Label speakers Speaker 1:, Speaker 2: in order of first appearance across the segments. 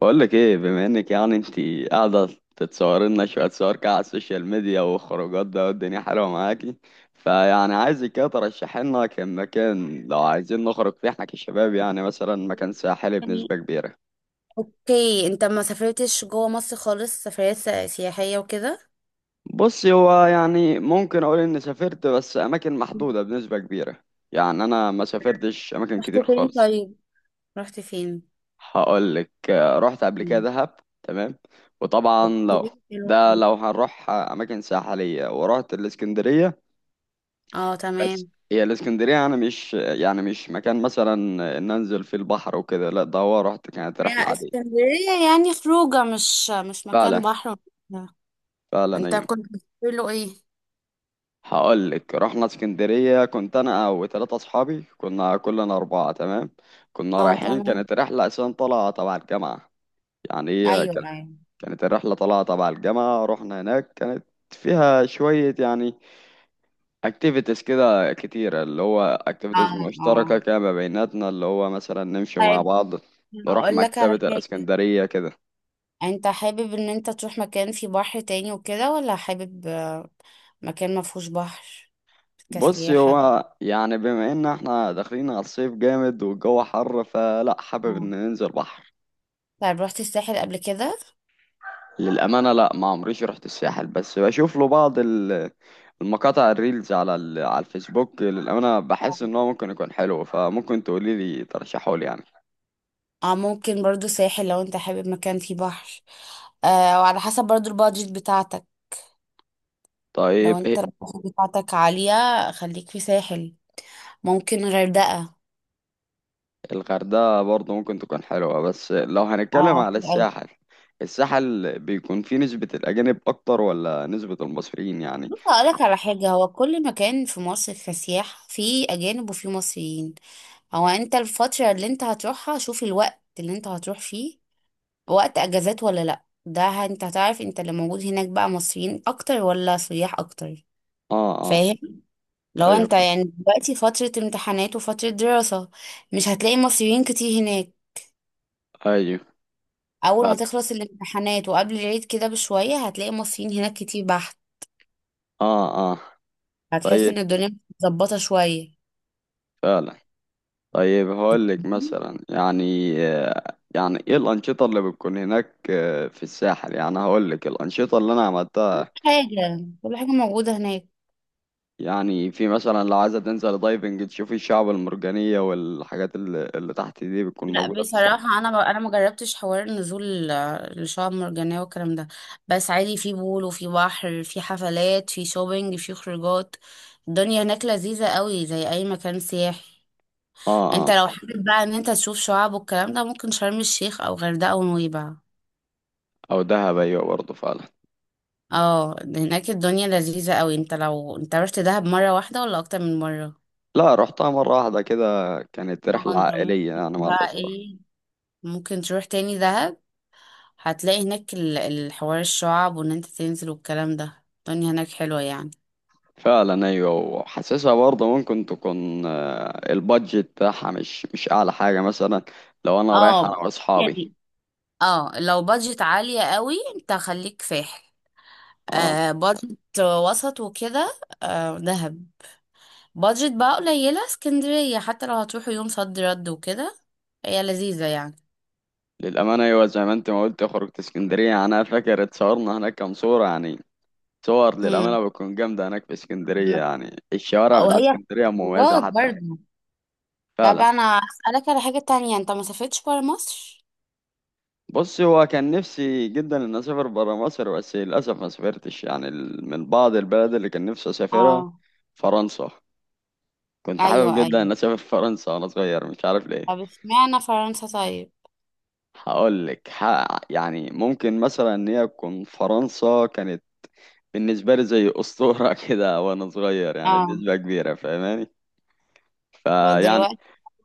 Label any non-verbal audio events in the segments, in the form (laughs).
Speaker 1: بقول لك ايه؟ بما انك يعني انت قاعده تتصور لنا شويه صور كده على السوشيال ميديا وخروجات ده، والدنيا حلوه معاكي، فيعني عايزك كده ترشحي لنا كان مكان، لو عايزين نخرج فيه احنا كشباب يعني، مثلا مكان ساحلي
Speaker 2: يعني
Speaker 1: بنسبه كبيره.
Speaker 2: اوكي، انت ما سافرتش جوه مصر خالص، سفريات سياحية وكده.
Speaker 1: بصي، هو يعني ممكن اقول اني سافرت، بس اماكن
Speaker 2: مم.
Speaker 1: محدوده بنسبه كبيره. يعني انا ما سافرتش اماكن
Speaker 2: رحت
Speaker 1: كتير
Speaker 2: فين؟
Speaker 1: خالص.
Speaker 2: طيب، رحت فين؟
Speaker 1: هقول لك رحت قبل كده
Speaker 2: مم.
Speaker 1: دهب. تمام. وطبعا
Speaker 2: اوكي،
Speaker 1: لو
Speaker 2: حلو
Speaker 1: ده
Speaker 2: أوي.
Speaker 1: لو هنروح اماكن ساحليه، ورحت الاسكندريه.
Speaker 2: اه،
Speaker 1: بس
Speaker 2: تمام.
Speaker 1: هي الاسكندرية أنا مش يعني مش مكان مثلا إن أنزل فيه البحر وكده، لا ده هو رحت، كانت رحلة
Speaker 2: هي
Speaker 1: عادية.
Speaker 2: اسكندرية يعني خروجة، مش مكان
Speaker 1: فعلا،
Speaker 2: بحر وكده.
Speaker 1: فعلا
Speaker 2: انت
Speaker 1: أيوة.
Speaker 2: كنت بتقول له ايه؟
Speaker 1: هقول لك رحنا اسكندرية، كنت أنا وثلاثة أصحابي، كنا كلنا أربعة، تمام. كنا
Speaker 2: اه،
Speaker 1: رايحين،
Speaker 2: تمام.
Speaker 1: كانت رحلة أساسا طالعة تبع الجامعة. يعني هي
Speaker 2: ايوه،
Speaker 1: كانت
Speaker 2: ايوه.
Speaker 1: كانت الرحلة طالعة تبع الجامعة. رحنا هناك، كانت فيها شوية يعني اكتيفيتيز كده كتيرة، اللي هو اكتيفيتيز
Speaker 2: اه، اه.
Speaker 1: مشتركة كده ما بيناتنا، اللي هو مثلا نمشي مع
Speaker 2: طيب،
Speaker 1: بعض، نروح
Speaker 2: هقول لك
Speaker 1: مكتبة
Speaker 2: على حاجة.
Speaker 1: الاسكندرية كده.
Speaker 2: انت حابب ان انت تروح مكان فيه بحر تاني وكده ولا حابب مكان ما فيهوش بحر
Speaker 1: بص،
Speaker 2: كسياحة؟
Speaker 1: هو يعني بما ان احنا داخلين على الصيف جامد والجو حر، فلا حابب ان ننزل بحر.
Speaker 2: طيب، رحت الساحل قبل كده؟
Speaker 1: للأمانة لا، ما عمريش رحت الساحل، بس بشوف له بعض المقاطع، الريلز على على الفيسبوك، للأمانة
Speaker 2: آه.
Speaker 1: بحس ان هو ممكن يكون حلو، فممكن تقولي لي ترشحه لي يعني.
Speaker 2: اه، ممكن برضو ساحل لو انت حابب مكان فيه بحر. آه، وعلى حسب برضو البادجت بتاعتك. لو
Speaker 1: طيب إيه؟
Speaker 2: انت البادجت بتاعتك عالية، خليك في ساحل. ممكن غردقة.
Speaker 1: الغردقة برضه ممكن تكون حلوة، بس لو هنتكلم
Speaker 2: اه،
Speaker 1: على
Speaker 2: حلو أوي.
Speaker 1: الساحل، الساحل بيكون فيه نسبة الأجانب أكتر ولا نسبة المصريين يعني؟
Speaker 2: بص، هقولك على حاجة. هو كل مكان في مصر كسياح فيه أجانب وفيه مصريين. هو انت الفترة اللي انت هتروحها، شوف الوقت اللي انت هتروح فيه. وقت أجازات ولا لأ؟ ده انت هتعرف انت اللي موجود هناك بقى مصريين أكتر ولا سياح أكتر.
Speaker 1: اه، اه.
Speaker 2: فاهم؟ لو
Speaker 1: ايوه
Speaker 2: انت يعني دلوقتي فترة امتحانات وفترة دراسة، مش هتلاقي مصريين كتير هناك.
Speaker 1: ايوه،
Speaker 2: اول
Speaker 1: فعلا.
Speaker 2: ما تخلص الامتحانات وقبل العيد كده بشوية، هتلاقي مصريين هناك كتير بحت.
Speaker 1: اه، اه.
Speaker 2: هتحس
Speaker 1: طيب.
Speaker 2: ان الدنيا متظبطة شوية.
Speaker 1: فعلا. طيب، هقول لك
Speaker 2: كل
Speaker 1: مثلا، يعني يعني ايه الانشطه اللي بتكون هناك، في الساحل يعني. هقول لك الانشطه اللي انا عملتها،
Speaker 2: حاجة، كل حاجة موجودة هناك.
Speaker 1: يعني في مثلا لو عايزه تنزل دايفنج، تشوفي الشعب المرجانيه والحاجات اللي تحت دي، بتكون
Speaker 2: لا،
Speaker 1: موجوده في الساحل.
Speaker 2: بصراحة، أنا ما جربتش حوار النزول للشعاب المرجانية والكلام ده. بس عادي، في بول وفي بحر، في حفلات، في شوبينج، في خروجات. الدنيا هناك لذيذة قوي زي أي مكان سياحي.
Speaker 1: اه.
Speaker 2: انت
Speaker 1: آه.
Speaker 2: لو حابب بقى ان انت تشوف شعاب والكلام ده، ممكن شرم الشيخ او غردقة ونويبع.
Speaker 1: او دهب، ايوه، برضه فعلا.
Speaker 2: اه، هناك الدنيا لذيذة قوي. انت لو انت رحت دهب مرة واحدة ولا اكتر من مرة؟
Speaker 1: لا، رحتها مره واحده كده، كانت
Speaker 2: اه،
Speaker 1: رحله
Speaker 2: انت ممكن
Speaker 1: عائليه يعني، مع
Speaker 2: بقى
Speaker 1: الاسره.
Speaker 2: ايه، ممكن تروح تاني دهب. هتلاقي هناك الحوار الشعاب وان انت تنزل والكلام ده، الدنيا هناك حلوة يعني.
Speaker 1: فعلا ايوه، وحاسسها برضه ممكن تكون البادجت بتاعها مش اعلى حاجه مثلا، لو انا رايح
Speaker 2: اه،
Speaker 1: انا واصحابي.
Speaker 2: يعني اه، لو بادجت عالية قوي انت خليك فاحل.
Speaker 1: اه.
Speaker 2: بادجت وسط وكده، دهب. بادجت بقى قليلة، اسكندرية، حتى لو هتروحوا يوم صد رد وكده، هي لذيذة يعني.
Speaker 1: للامانه ايوه، زي ما انت ما قلت، خرجت اسكندريه يعني، انا فاكر اتصورنا هناك كام صوره يعني. صور
Speaker 2: هم.
Speaker 1: للامانه بتكون جامده هناك في اسكندريه، يعني الشوارع
Speaker 2: او
Speaker 1: بتاعت
Speaker 2: هي
Speaker 1: اسكندريه مميزه
Speaker 2: خروجات
Speaker 1: حتى.
Speaker 2: برضه. طب،
Speaker 1: فعلا.
Speaker 2: انا اسألك على حاجة تانية. انت ما سافرتش برا مصر؟
Speaker 1: بص، هو كان نفسي جدا ان اسافر برا مصر، بس للاسف ما سافرتش. يعني من بعض البلد اللي كان نفسي اسافرها،
Speaker 2: اه.
Speaker 1: فرنسا. كنت حابب
Speaker 2: ايوه،
Speaker 1: جدا
Speaker 2: ايوه.
Speaker 1: ان اسافر (laughs) فرنسا وانا صغير، مش عارف
Speaker 2: طب،
Speaker 1: ليه.
Speaker 2: اشمعنى فرنسا طيب؟
Speaker 1: هقول لك يعني ممكن مثلا ان هي تكون، فرنسا كانت بالنسبه لي زي اسطوره (laughs) كده وانا صغير، يعني
Speaker 2: اه،
Speaker 1: بنسبه كبيره فاهماني. فيعني
Speaker 2: فدلوقتي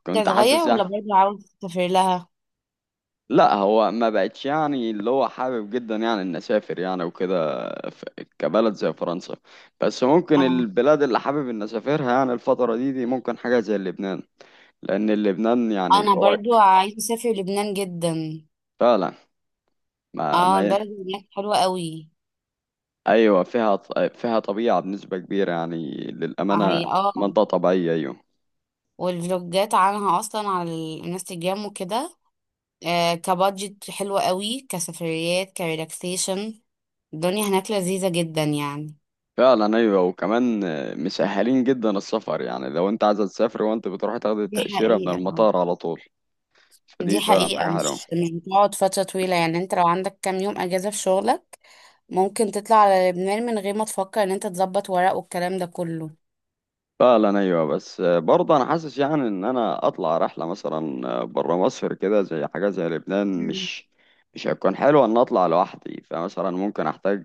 Speaker 1: كنت
Speaker 2: هتتغير
Speaker 1: حاسس يعني.
Speaker 2: ولا برضه عاوز تسافر لها؟
Speaker 1: لا هو ما بقتش يعني اللي هو حابب جدا، يعني ان اسافر يعني وكده، ف- كبلد زي فرنسا. بس ممكن
Speaker 2: اه.
Speaker 1: البلاد اللي حابب ان اسافرها يعني الفترة دي ممكن حاجة زي لبنان، لان لبنان يعني
Speaker 2: انا
Speaker 1: قريب.
Speaker 2: برضه عايزة اسافر لبنان جدا.
Speaker 1: فعلا. ما,
Speaker 2: اه،
Speaker 1: ما
Speaker 2: البلد هناك حلوة قوي.
Speaker 1: ايوه فيها فيها طبيعة بنسبة كبيرة يعني، للأمانة
Speaker 2: هي، اه.
Speaker 1: منطقة طبيعية، ايوه.
Speaker 2: والفلوجات عنها اصلا على الانستجرام وكده. كبادجت حلوة قوي، كسفريات، كريلاكسيشن. الدنيا هناك لذيذة جدا يعني.
Speaker 1: فعلا ايوه، وكمان مسهلين جدا السفر، يعني لو انت عايز تسافر وانت بتروح تاخد
Speaker 2: دي
Speaker 1: التأشيرة من
Speaker 2: حقيقة، اه.
Speaker 1: المطار على طول،
Speaker 2: دي
Speaker 1: فدي فعلا
Speaker 2: حقيقة،
Speaker 1: حاجة حلوة.
Speaker 2: مش بتقعد فترة طويلة يعني. انت لو عندك كام يوم اجازة في شغلك، ممكن تطلع على لبنان من غير ما تفكر ان انت تظبط ورق والكلام ده كله.
Speaker 1: فعلا ايوه، بس برضه انا حاسس يعني ان انا اطلع رحله مثلا بره مصر كده، زي حاجه زي لبنان،
Speaker 2: مم.
Speaker 1: مش هيكون حلو ان اطلع لوحدي، فمثلا ممكن احتاج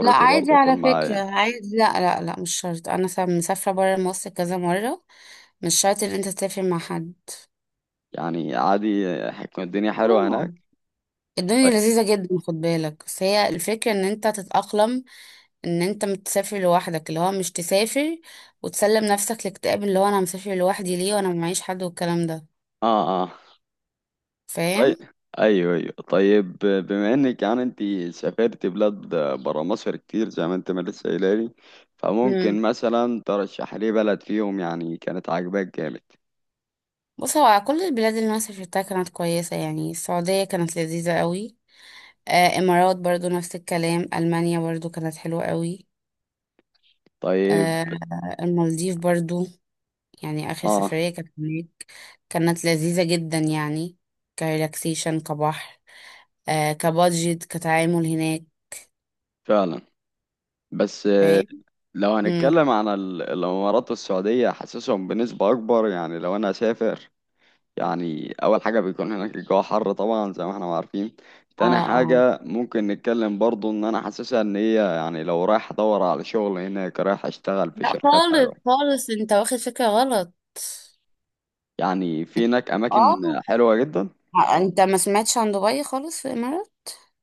Speaker 2: لا، عادي،
Speaker 1: برضه
Speaker 2: على
Speaker 1: تكون
Speaker 2: فكرة،
Speaker 1: معايا.
Speaker 2: عادي. لا لا لا، مش شرط. انا مسافرة برا مصر كذا مرة. مش شرط ان انت تسافر مع حد.
Speaker 1: يعني عادي هتكون الدنيا حلوه هناك.
Speaker 2: اه. الدنيا
Speaker 1: طيب.
Speaker 2: لذيذة جدا، خد بالك بس هي الفكرة ان انت تتأقلم. ان انت متسافر لوحدك، اللي هو مش تسافر وتسلم نفسك لاكتئاب اللي هو انا مسافر لوحدي ليه وانا معيش حد والكلام ده.
Speaker 1: اه، اه.
Speaker 2: فاهم؟
Speaker 1: طيب. ايوه، ايوه، طيب بما انك يعني انت سافرت بلاد بره مصر كتير، زي ما انت ما لسه قايله لي، فممكن
Speaker 2: امم
Speaker 1: مثلا ترشح لي بلد فيهم يعني كانت عاجباك جامد؟
Speaker 2: بص، هو كل البلاد اللي انا سافرتها كانت كويسه يعني. السعوديه كانت لذيذه قوي. امارات برضو نفس الكلام. المانيا برضو كانت حلوه قوي.
Speaker 1: طيب.
Speaker 2: آه المالديف برضو، يعني اخر
Speaker 1: اه.
Speaker 2: سفريه كانت هناك، كانت لذيذه جدا يعني. كريلاكسيشن، كبحر، كبادجت، كتعامل هناك.
Speaker 1: فعلا. بس
Speaker 2: فاهم؟
Speaker 1: لو
Speaker 2: امم
Speaker 1: هنتكلم عن الامارات والسعوديه، حاسسهم بنسبه اكبر. يعني لو انا هسافر، يعني اول حاجه بيكون هناك الجو حر طبعا، زي ما احنا عارفين. تاني
Speaker 2: اه،
Speaker 1: حاجه ممكن نتكلم برضو، ان انا حاسسها ان هي يعني لو رايح ادور على شغل هناك، رايح اشتغل في
Speaker 2: لا
Speaker 1: شركات
Speaker 2: خالص
Speaker 1: حلوه.
Speaker 2: خالص، انت واخد فكرة غلط.
Speaker 1: يعني في هناك
Speaker 2: اه،
Speaker 1: اماكن حلوه جدا.
Speaker 2: انت ما سمعتش عن دبي خالص في الامارات؟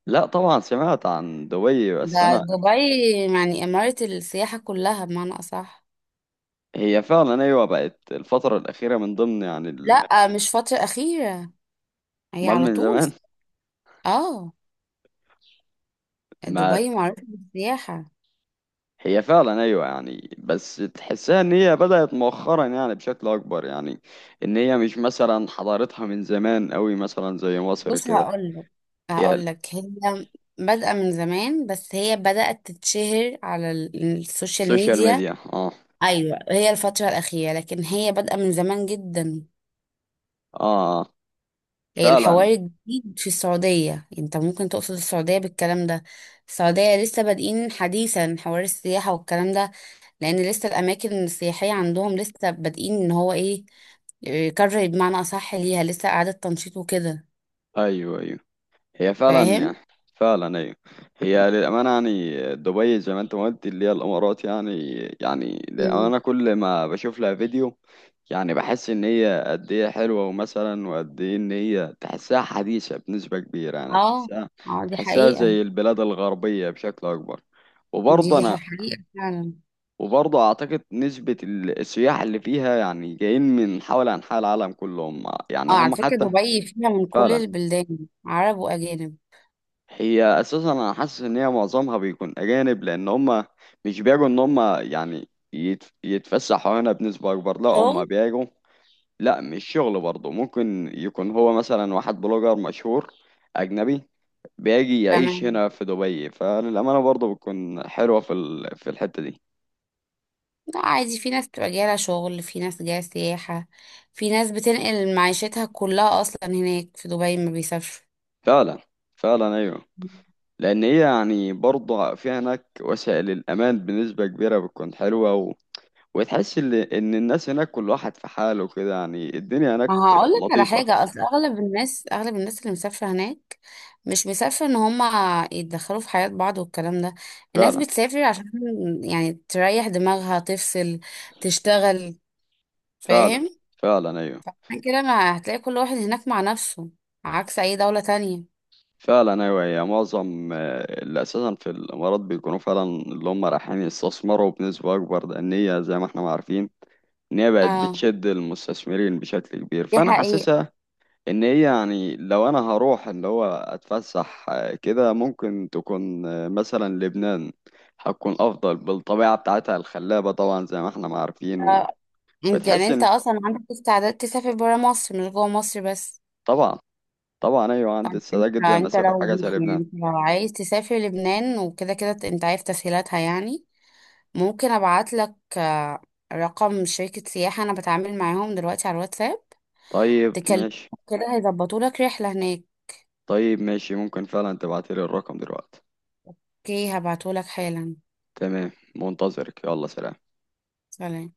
Speaker 1: لا طبعا سمعت عن دبي، بس
Speaker 2: ده
Speaker 1: انا،
Speaker 2: دبي يعني امارة السياحة كلها بمعنى اصح.
Speaker 1: هي فعلا ايوه بقت الفتره الاخيره من ضمن يعني
Speaker 2: لا، مش فترة اخيرة، هي
Speaker 1: امال
Speaker 2: على
Speaker 1: من
Speaker 2: طول.
Speaker 1: زمان؟
Speaker 2: اه، دبي
Speaker 1: (laughs)
Speaker 2: معروفة بالسياحة.
Speaker 1: هي فعلا ايوه يعني، بس تحسها ان هي بدأت مؤخرا يعني بشكل اكبر، يعني ان هي مش مثلا حضارتها من زمان قوي مثلا زي مصر
Speaker 2: بص،
Speaker 1: كده.
Speaker 2: هقولك
Speaker 1: هي
Speaker 2: هقولك هي بادئة من زمان بس هي بدأت تتشهر على السوشيال
Speaker 1: السوشيال
Speaker 2: ميديا.
Speaker 1: ميديا، اه.
Speaker 2: ايوه، هي الفترة الاخيرة لكن هي بادئة من زمان جدا.
Speaker 1: اه. آه. فعلا.
Speaker 2: الحوار الجديد في السعودية، انت ممكن تقصد السعودية بالكلام ده. السعودية لسه بادئين حديثا حوار السياحة والكلام ده. لأن لسه الأماكن السياحية عندهم لسه بادئين ان هو ايه، إيه، كرة بمعنى أصح، ليها لسه إعادة تنشيط وكده.
Speaker 1: ايوه، ايوه. هي فعلا
Speaker 2: فاهم؟
Speaker 1: يعني. فعلا ايوه. هي للامانه يعني دبي زي ما انت ما قلت، اللي هي الامارات يعني. يعني
Speaker 2: مم.
Speaker 1: للامانه كل ما بشوف لها فيديو يعني بحس ان هي قد ايه حلوه، ومثلا وقد ايه ان هي تحسها حديثه بنسبه كبيره، يعني
Speaker 2: اه،
Speaker 1: تحسها
Speaker 2: اه، دي
Speaker 1: تحسها
Speaker 2: حقيقة.
Speaker 1: زي البلاد الغربيه بشكل اكبر. وبرضه
Speaker 2: دي
Speaker 1: انا،
Speaker 2: حقيقة فعلا.
Speaker 1: وبرضه اعتقد نسبه السياح اللي فيها يعني جايين من حول انحاء العالم كلهم، يعني
Speaker 2: اه، على
Speaker 1: هم
Speaker 2: فكرة،
Speaker 1: حتى.
Speaker 2: دبي فيها من كل
Speaker 1: فعلا.
Speaker 2: البلدان، عرب وأجانب.
Speaker 1: هي اساسا انا حاسس ان هي معظمها بيكون اجانب، لان هم مش بيجوا ان هم يعني يتفسحوا هنا بنسبه اكبر، لا
Speaker 2: شغل.
Speaker 1: هم بيجوا. لا مش شغل، برضه ممكن يكون هو مثلا واحد بلوجر مشهور أجنبي بيجي يعيش
Speaker 2: تمام.
Speaker 1: هنا في دبي، فللأمانة برضه بتكون حلوة في الحتة دي.
Speaker 2: لا، عادي، في ناس بتبقى جاية لها شغل، في ناس جاية سياحة، في ناس بتنقل معيشتها كلها أصلا هناك في دبي، ما بيسافروا.
Speaker 1: فعلا. فعلا أيوه. لأن هي يعني برضه في هناك وسائل الأمان بنسبة كبيرة بتكون حلوة، وتحس إن الناس هناك كل واحد في حاله كده، يعني الدنيا
Speaker 2: ما
Speaker 1: هناك
Speaker 2: هقول لك على
Speaker 1: لطيفة.
Speaker 2: حاجة، أصل أغلب الناس اللي مسافرة هناك مش مسافرة إن هما يتدخلوا في حياة بعض والكلام ده. الناس
Speaker 1: فعلا.
Speaker 2: بتسافر عشان يعني تريح دماغها، تفصل، تشتغل.
Speaker 1: فعلا.
Speaker 2: فاهم؟
Speaker 1: فعلا أيوه.
Speaker 2: عشان كده ما هتلاقي كل واحد هناك مع نفسه. عكس أي دولة تانية.
Speaker 1: فعلا ايوه، هي معظم اللي اساسا في الامارات بيكونوا فعلا اللي هم رايحين يستثمروا بنسبه اكبر، لان هي زي ما احنا ما عارفين ان هي بقت
Speaker 2: اه،
Speaker 1: بتشد المستثمرين بشكل كبير،
Speaker 2: دي
Speaker 1: فانا
Speaker 2: حقيقة.
Speaker 1: حاسسها ان هي يعني، لو انا هروح اللي هو اتفسح كده، ممكن تكون مثلا لبنان. هتكون افضل بالطبيعه بتاعتها الخلابه طبعا، زي ما احنا ما عارفين.
Speaker 2: انت يعني
Speaker 1: وبتحس
Speaker 2: انت
Speaker 1: ان،
Speaker 2: اصلا عندك استعداد تسافر برا مصر مش جوه مصر بس؟
Speaker 1: طبعا، طبعا ايوه
Speaker 2: طب،
Speaker 1: عندي استعداد
Speaker 2: انت
Speaker 1: جدا ان
Speaker 2: انت
Speaker 1: اسافر حاجه
Speaker 2: لو
Speaker 1: زي
Speaker 2: يعني
Speaker 1: لبنان.
Speaker 2: انت لو عايز تسافر لبنان وكده كده انت عارف تسهيلاتها يعني. ممكن ابعت لك رقم شركة سياحة انا بتعامل معاهم دلوقتي على الواتساب.
Speaker 1: طيب
Speaker 2: تكلم
Speaker 1: ماشي.
Speaker 2: كده هيظبطوا لك رحلة هناك.
Speaker 1: طيب ماشي، ممكن فعلا تبعتلي الرقم دلوقتي.
Speaker 2: اوكي، هبعته لك حالا.
Speaker 1: تمام، منتظرك، يلا سلام.
Speaker 2: سلام.